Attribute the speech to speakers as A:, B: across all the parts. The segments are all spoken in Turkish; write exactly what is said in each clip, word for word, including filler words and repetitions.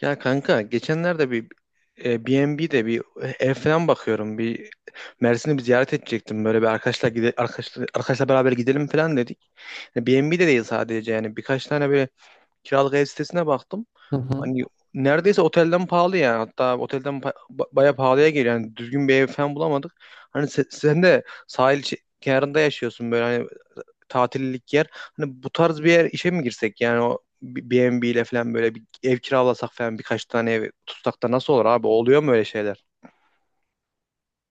A: Ya kanka geçenlerde bir e, B N B'de bir ev falan bakıyorum. Bir Mersin'i bir ziyaret edecektim. Böyle bir arkadaşlar gide arkadaşlar, arkadaşlar beraber gidelim falan dedik. Yani B N B'de değil, sadece yani birkaç tane böyle kiralık ev sitesine baktım.
B: Hı hı.
A: Hani neredeyse otelden pahalı yani. Hatta otelden pa- ba- bayağı pahalıya geliyor. Yani düzgün bir ev falan bulamadık. Hani se- sen de sahil şe- kenarında yaşıyorsun, böyle hani tatillik yer. Hani bu tarz bir yer işe mi girsek? Yani o B- B&B ile falan böyle bir ev kiralasak falan, birkaç tane ev tutsak da nasıl olur abi? Oluyor mu öyle şeyler?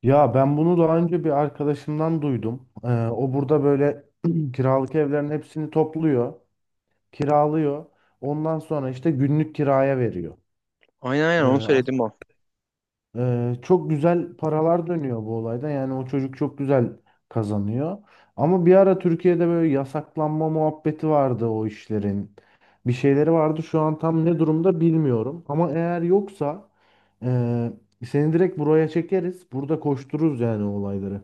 B: Ya ben bunu daha önce bir arkadaşımdan duydum. Ee, o burada böyle kiralık evlerin hepsini topluyor, kiralıyor. Ondan sonra işte günlük kiraya veriyor.
A: Aynen, aynen
B: Ee,
A: onu
B: as-
A: söyledim o.
B: ee, Çok güzel paralar dönüyor bu olayda. Yani o çocuk çok güzel kazanıyor. Ama bir ara Türkiye'de böyle yasaklanma muhabbeti vardı o işlerin. Bir şeyleri vardı. Şu an tam ne durumda bilmiyorum. Ama eğer yoksa ee, seni direkt buraya çekeriz. Burada koştururuz yani olayları.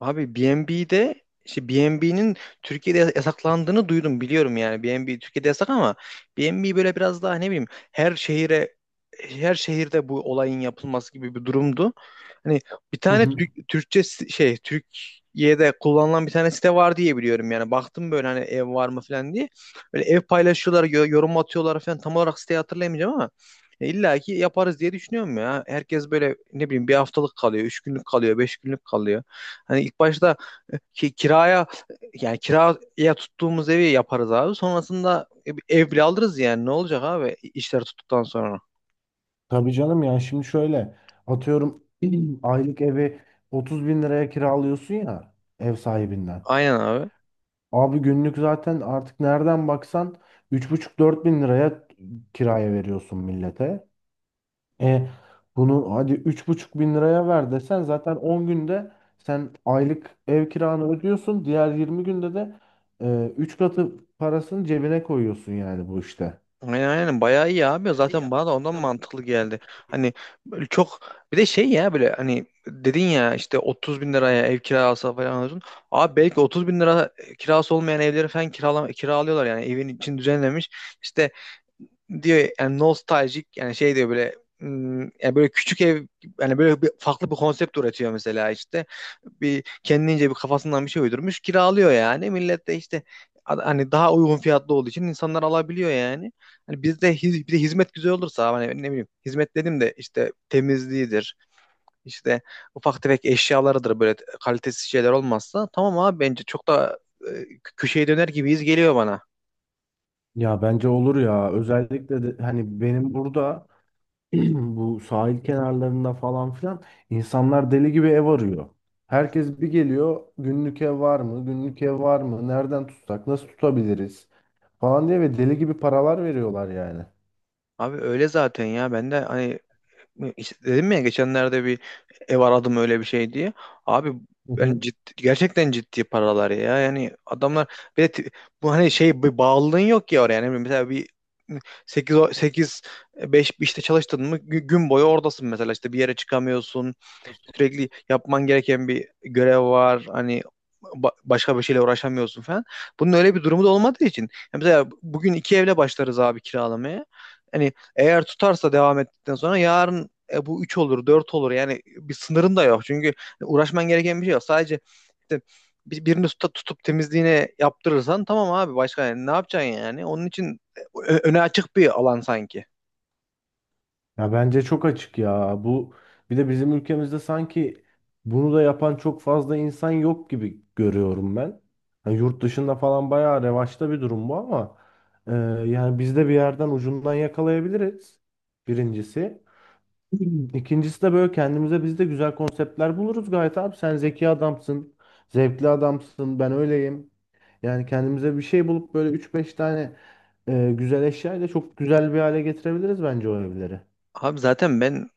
A: Abi B N B'de, işte B N B'nin Türkiye'de yasaklandığını duydum, biliyorum yani. B N B Türkiye'de yasak ama B N B böyle biraz daha ne bileyim her şehire her şehirde bu olayın yapılması gibi bir durumdu. Hani bir
B: Hı
A: tane
B: hı.
A: Türk, Türkçe si- şey, Türkiye'de kullanılan bir tane site var diye biliyorum yani. Baktım böyle hani ev var mı falan diye. Böyle ev paylaşıyorlar, yo- yorum atıyorlar falan. Tam olarak siteyi hatırlayamayacağım ama e, İlla ki yaparız diye düşünüyorum ya. Herkes böyle ne bileyim bir haftalık kalıyor, üç günlük kalıyor, beş günlük kalıyor. Hani ilk başta e, ki, kiraya yani kiraya tuttuğumuz evi yaparız abi. Sonrasında ev bile alırız yani, ne olacak abi işler tuttuktan sonra.
B: Tabii canım, yani şimdi şöyle atıyorum, aylık evi otuz bin liraya kiralıyorsun ya, ev sahibinden.
A: Aynen abi.
B: Abi günlük zaten artık nereden baksan üç buçuk dört bin liraya kiraya veriyorsun millete. E bunu hadi üç buçuk bin liraya ver desen zaten on günde sen aylık ev kiranı ödüyorsun. Diğer yirmi günde de e, üç katı parasını cebine koyuyorsun yani bu işte.
A: Aynen, aynen bayağı iyi abi. Zaten bana da ondan mantıklı geldi. Hani böyle çok, bir de şey ya, böyle hani dedin ya, işte otuz bin liraya ev kirası falan diyorsun. Abi belki otuz bin lira kirası olmayan evleri falan kirala, kiralıyorlar yani, evin için düzenlemiş. İşte diyor yani nostaljik, yani şey diyor böyle, hmm, yani böyle küçük ev, yani böyle bir, farklı bir konsept üretiyor mesela. İşte bir kendince bir kafasından bir şey uydurmuş kiralıyor yani, millet de işte, a- hani daha uygun fiyatlı olduğu için insanlar alabiliyor yani. Hani bizde hiz- bir de hizmet güzel olursa hani ne bileyim, hizmet dedim de işte, temizliğidir işte ufak tefek eşyalarıdır, böyle kalitesiz şeyler olmazsa tamam abi, bence çok da e, köşeye döner gibiyiz, geliyor bana.
B: Ya bence olur ya, özellikle de hani benim burada bu sahil kenarlarında falan filan insanlar deli gibi ev arıyor. Herkes bir geliyor, günlük ev var mı? Günlük ev var mı? Nereden tutsak? Nasıl tutabiliriz? Falan diye ve deli gibi paralar veriyorlar yani.
A: Abi öyle zaten ya, ben de hani. İşte dedim ya, geçenlerde bir ev aradım öyle bir şey diye. Abi
B: Hı hı.
A: yani ciddi, gerçekten ciddi paralar ya. Yani adamlar bir de ti- bu hani şey, bir bağlılığın yok ya oraya. Yani mesela bir sekiz sekiz e, beş işte çalıştın mı gü- gün boyu oradasın mesela, işte bir yere çıkamıyorsun. Sürekli yapman gereken bir görev var. Hani ba- başka bir şeyle uğraşamıyorsun falan. Bunun öyle bir durumu da olmadığı için. Ya mesela bugün iki evle başlarız abi kiralamaya. Hani eğer tutarsa devam ettikten sonra yarın e, bu üç olur dört olur, yani bir sınırın da yok. Çünkü uğraşman gereken bir şey yok. Sadece işte bir- birini tutup, tutup temizliğine yaptırırsan tamam abi, başka yani ne yapacaksın yani? Onun için e, ö- öne açık bir alan sanki.
B: Ya bence çok açık ya. Bu, bir de bizim ülkemizde sanki bunu da yapan çok fazla insan yok gibi görüyorum ben. Hani yurt dışında falan bayağı revaçta bir durum bu ama e, yani biz de bir yerden ucundan yakalayabiliriz. Birincisi. İkincisi de böyle kendimize biz de güzel konseptler buluruz gayet abi. Sen zeki adamsın, zevkli adamsın, ben öyleyim. Yani kendimize bir şey bulup böyle üç beş tane e, güzel eşyayla çok güzel bir hale getirebiliriz bence o evleri.
A: Abi zaten ben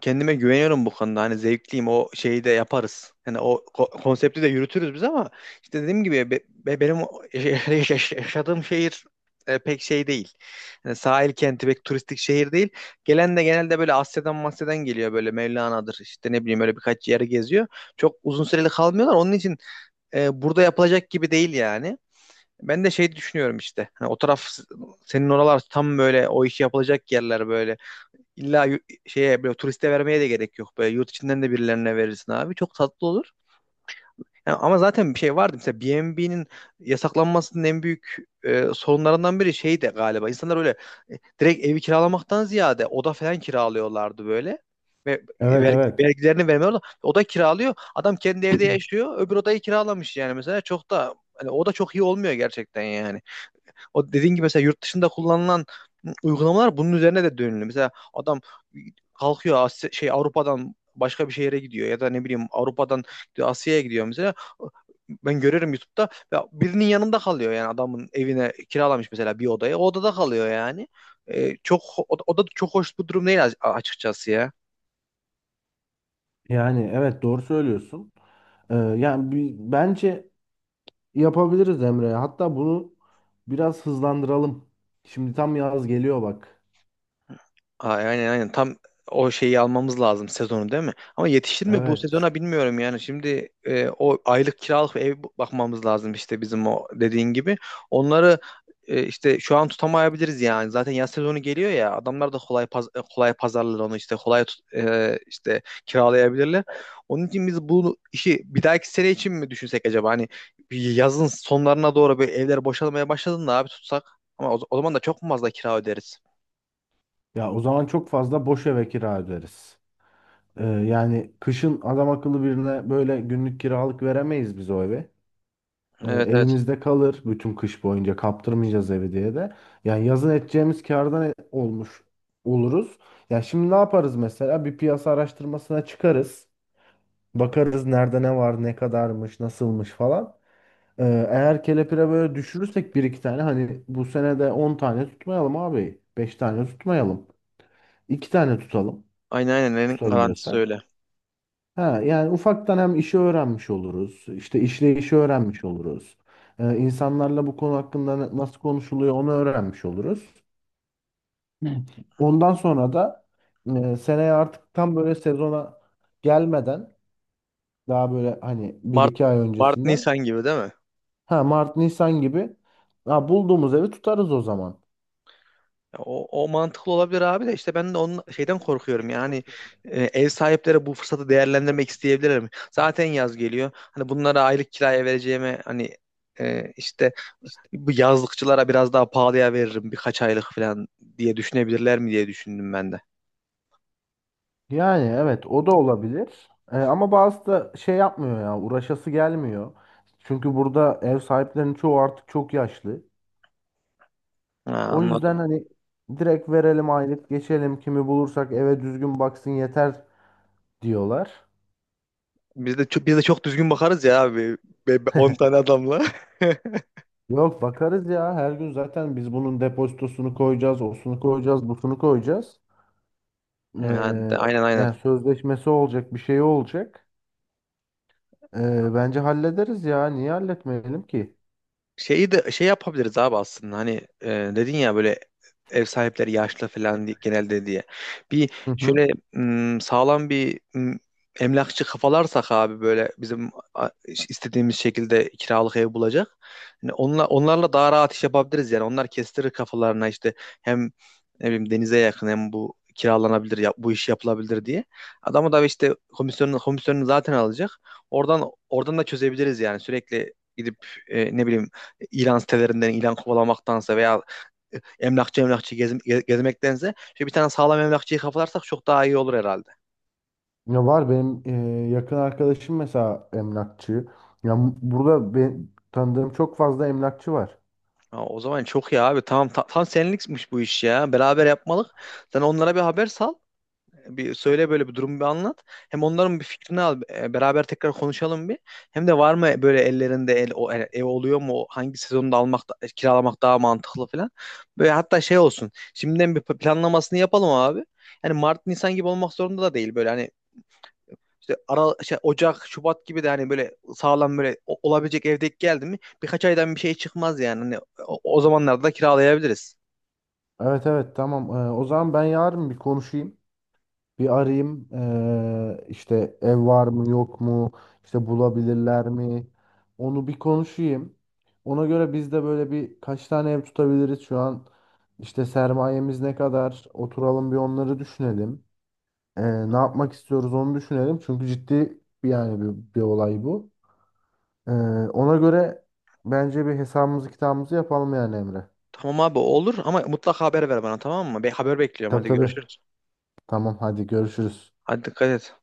A: kendime güveniyorum bu konuda. Hani zevkliyim, o şeyi de yaparız. Yani o ko- konsepti de yürütürüz biz ama işte dediğim gibi be- be- benim o- yaş- yaş- yaş- yaşadığım şehir e, pek şey değil. Yani sahil kenti, pek turistik şehir değil. Gelen de genelde böyle Asya'dan Masya'dan geliyor, böyle Mevlana'dır işte, ne bileyim, öyle birkaç yere geziyor. Çok uzun süreli kalmıyorlar. Onun için e, burada yapılacak gibi değil yani. Ben de şey düşünüyorum işte. Hani o taraf, senin oralar tam böyle o işi yapılacak yerler böyle. İlla yu- şeye böyle turiste vermeye de gerek yok. Böyle yurt içinden de birilerine verirsin abi. Çok tatlı olur. Yani ama zaten bir şey vardı. Mesela B N B'nin yasaklanmasının en büyük e, sorunlarından biri şey de galiba. İnsanlar öyle e, direkt evi kiralamaktan ziyade oda falan kiralıyorlardı böyle. Ve ver,
B: Evet,
A: Evet.
B: evet.
A: Vergilerini vermiyorlar. Oda kiralıyor. Adam kendi evde yaşıyor. Öbür odayı kiralamış yani mesela. Çok da hani oda çok iyi olmuyor gerçekten yani. O dediğin gibi mesela yurt dışında kullanılan uygulamalar bunun üzerine de dönülüyor. Mesela adam kalkıyor Asya, şey Avrupa'dan başka bir şehre gidiyor, ya da ne bileyim Avrupa'dan Asya'ya gidiyor mesela. Ben görürüm YouTube'da, ya birinin yanında kalıyor yani, adamın evine kiralamış mesela bir odayı. O odada kalıyor yani. Ee, çok, o, da o da çok hoş bu durum değil, açıkçası ya.
B: Yani evet, doğru söylüyorsun. Ee, yani bi- bence yapabiliriz Emre. Hatta bunu biraz hızlandıralım. Şimdi tam yaz geliyor bak.
A: Ay- Aynen, aynen tam o şeyi almamız lazım sezonu, değil mi? Ama yetişir mi bu
B: Evet.
A: sezona, bilmiyorum yani. Şimdi e, o aylık kiralık ev bakmamız lazım işte, bizim o dediğin gibi. Onları e, işte şu an tutamayabiliriz yani. Zaten yaz sezonu geliyor ya, adamlar da kolay paz e, kolay pazarlar onu, işte kolay tut- e, işte kiralayabilirler. Onun için biz bu işi bir dahaki sene için mi düşünsek acaba? Hani bir yazın sonlarına doğru böyle evler boşalmaya başladığında abi tutsak, ama o, o zaman da çok mu fazla kira öderiz?
B: Ya o zaman çok fazla boş eve kira öderiz. Ee, yani kışın adam akıllı birine böyle günlük kiralık veremeyiz biz o eve. Ee,
A: Evet, evet.
B: elimizde kalır bütün kış boyunca, kaptırmayacağız evi diye de. Yani yazın edeceğimiz kârdan e- olmuş oluruz. Ya şimdi ne yaparız mesela? Bir piyasa araştırmasına çıkarız. Bakarız nerede ne var, ne kadarmış, nasılmış falan. Ee, Eğer kelepire böyle düşürürsek bir iki tane, hani bu sene de on tane tutmayalım abi, beş tane tutmayalım, iki tane tutalım
A: Aynen, aynen en garantisi
B: tutabiliyorsak.
A: öyle.
B: Ha, yani ufaktan hem işi öğrenmiş oluruz, işte işleyişi öğrenmiş oluruz. Ee, insanlarla bu konu hakkında na- nasıl konuşuluyor onu öğrenmiş oluruz. Ondan sonra da e, seneye artık tam böyle sezona gelmeden, daha böyle hani bir
A: Mart
B: iki ay
A: Mart
B: öncesinden.
A: Nisan gibi değil mi?
B: Ha Mart Nisan gibi. Ha, bulduğumuz evi tutarız o zaman.
A: Ya O, o mantıklı olabilir abi de, işte ben de onun şeyden korkuyorum yani, e, ev sahipleri bu fırsatı değerlendirmek isteyebilirler mi? Zaten yaz geliyor. Hani bunlara aylık kiraya vereceğime hani e, işte bu yazlıkçılara biraz daha pahalıya veririm birkaç aylık falan diye düşünebilirler mi, diye düşündüm ben de.
B: Yani evet, o da olabilir. Ee, ama bazı da şey yapmıyor ya, uğraşası gelmiyor. Çünkü burada ev sahiplerinin çoğu artık çok yaşlı.
A: Ha,
B: O yüzden
A: anladım.
B: hani direkt verelim, aylık geçelim, kimi bulursak eve düzgün baksın yeter diyorlar.
A: Biz de çok, biz de çok düzgün bakarız ya abi. Be, be- on tane adamla.
B: Yok, bakarız ya her gün zaten biz, bunun depozitosunu koyacağız, osunu koyacağız, busunu koyacağız.
A: Yani
B: Ee,
A: de- aynen, aynen.
B: Yani sözleşmesi olacak, bir şey olacak. Ee, bence hallederiz ya. Niye halletmeyelim ki?
A: Şeyi de şey yapabiliriz abi, aslında hani e, dedin ya böyle, ev sahipleri yaşlı falan diye, genelde diye. Bir
B: Hı hı.
A: şöyle m, sağlam bir m, emlakçı kafalarsak abi, böyle bizim a, istediğimiz şekilde kiralık ev bulacak. Hani onla, onlarla daha rahat iş yapabiliriz yani. Onlar kestirir kafalarına işte, hem ne bileyim denize yakın hem bu kiralanabilir ya, bu iş yapılabilir diye. Adamı da işte komisyonunu komisyonunu zaten alacak. Oradan oradan da çözebiliriz yani, sürekli gidip e, ne bileyim ilan sitelerinden ilan kovalamaktansa veya emlakçı emlakçı gez, gez- gezmektense şöyle bir tane sağlam emlakçıyı kafalarsak çok daha iyi olur herhalde.
B: Ya var benim e, yakın arkadaşım mesela emlakçı. Ya m- burada ben, tanıdığım çok fazla emlakçı var.
A: Ha, o zaman çok iyi abi. Tamam, ta- tam senlikmiş bu iş ya. Beraber yapmalık. Sen onlara bir haber sal. Bir söyle, böyle bir durumu bir anlat. Hem onların bir fikrini al. E, Beraber tekrar konuşalım bir. Hem de var mı böyle ellerinde el, o, e, ev, oluyor mu? Hangi sezonda almak da- e, kiralamak daha mantıklı falan. Böyle hatta şey olsun, şimdiden bir planlamasını yapalım abi. Yani Mart Nisan gibi olmak zorunda da değil, böyle hani İşte ara, şey, Ocak, Şubat gibi de hani böyle sağlam, böyle o- olabilecek evdeki geldi mi birkaç aydan bir şey çıkmaz yani. Hani o, o zamanlarda da kiralayabiliriz.
B: Evet, evet, tamam. Ee, o zaman ben yarın bir konuşayım. Bir arayayım. Ee, işte ev var mı yok mu? İşte bulabilirler mi? Onu bir konuşayım. Ona göre biz de böyle bir kaç tane ev tutabiliriz şu an. İşte sermayemiz ne kadar? Oturalım bir onları düşünelim. Ee, ne yapmak istiyoruz onu düşünelim. Çünkü ciddi bir, yani bir, bir olay bu. Ee, Ona göre bence bir hesabımızı kitabımızı yapalım yani Emre.
A: Tamam abi olur ama mutlaka haber ver bana, tamam mı? Be, haber bekliyorum,
B: Tabii,
A: hadi
B: tabii.
A: görüşürüz.
B: Tamam, hadi görüşürüz.
A: Hadi dikkat et.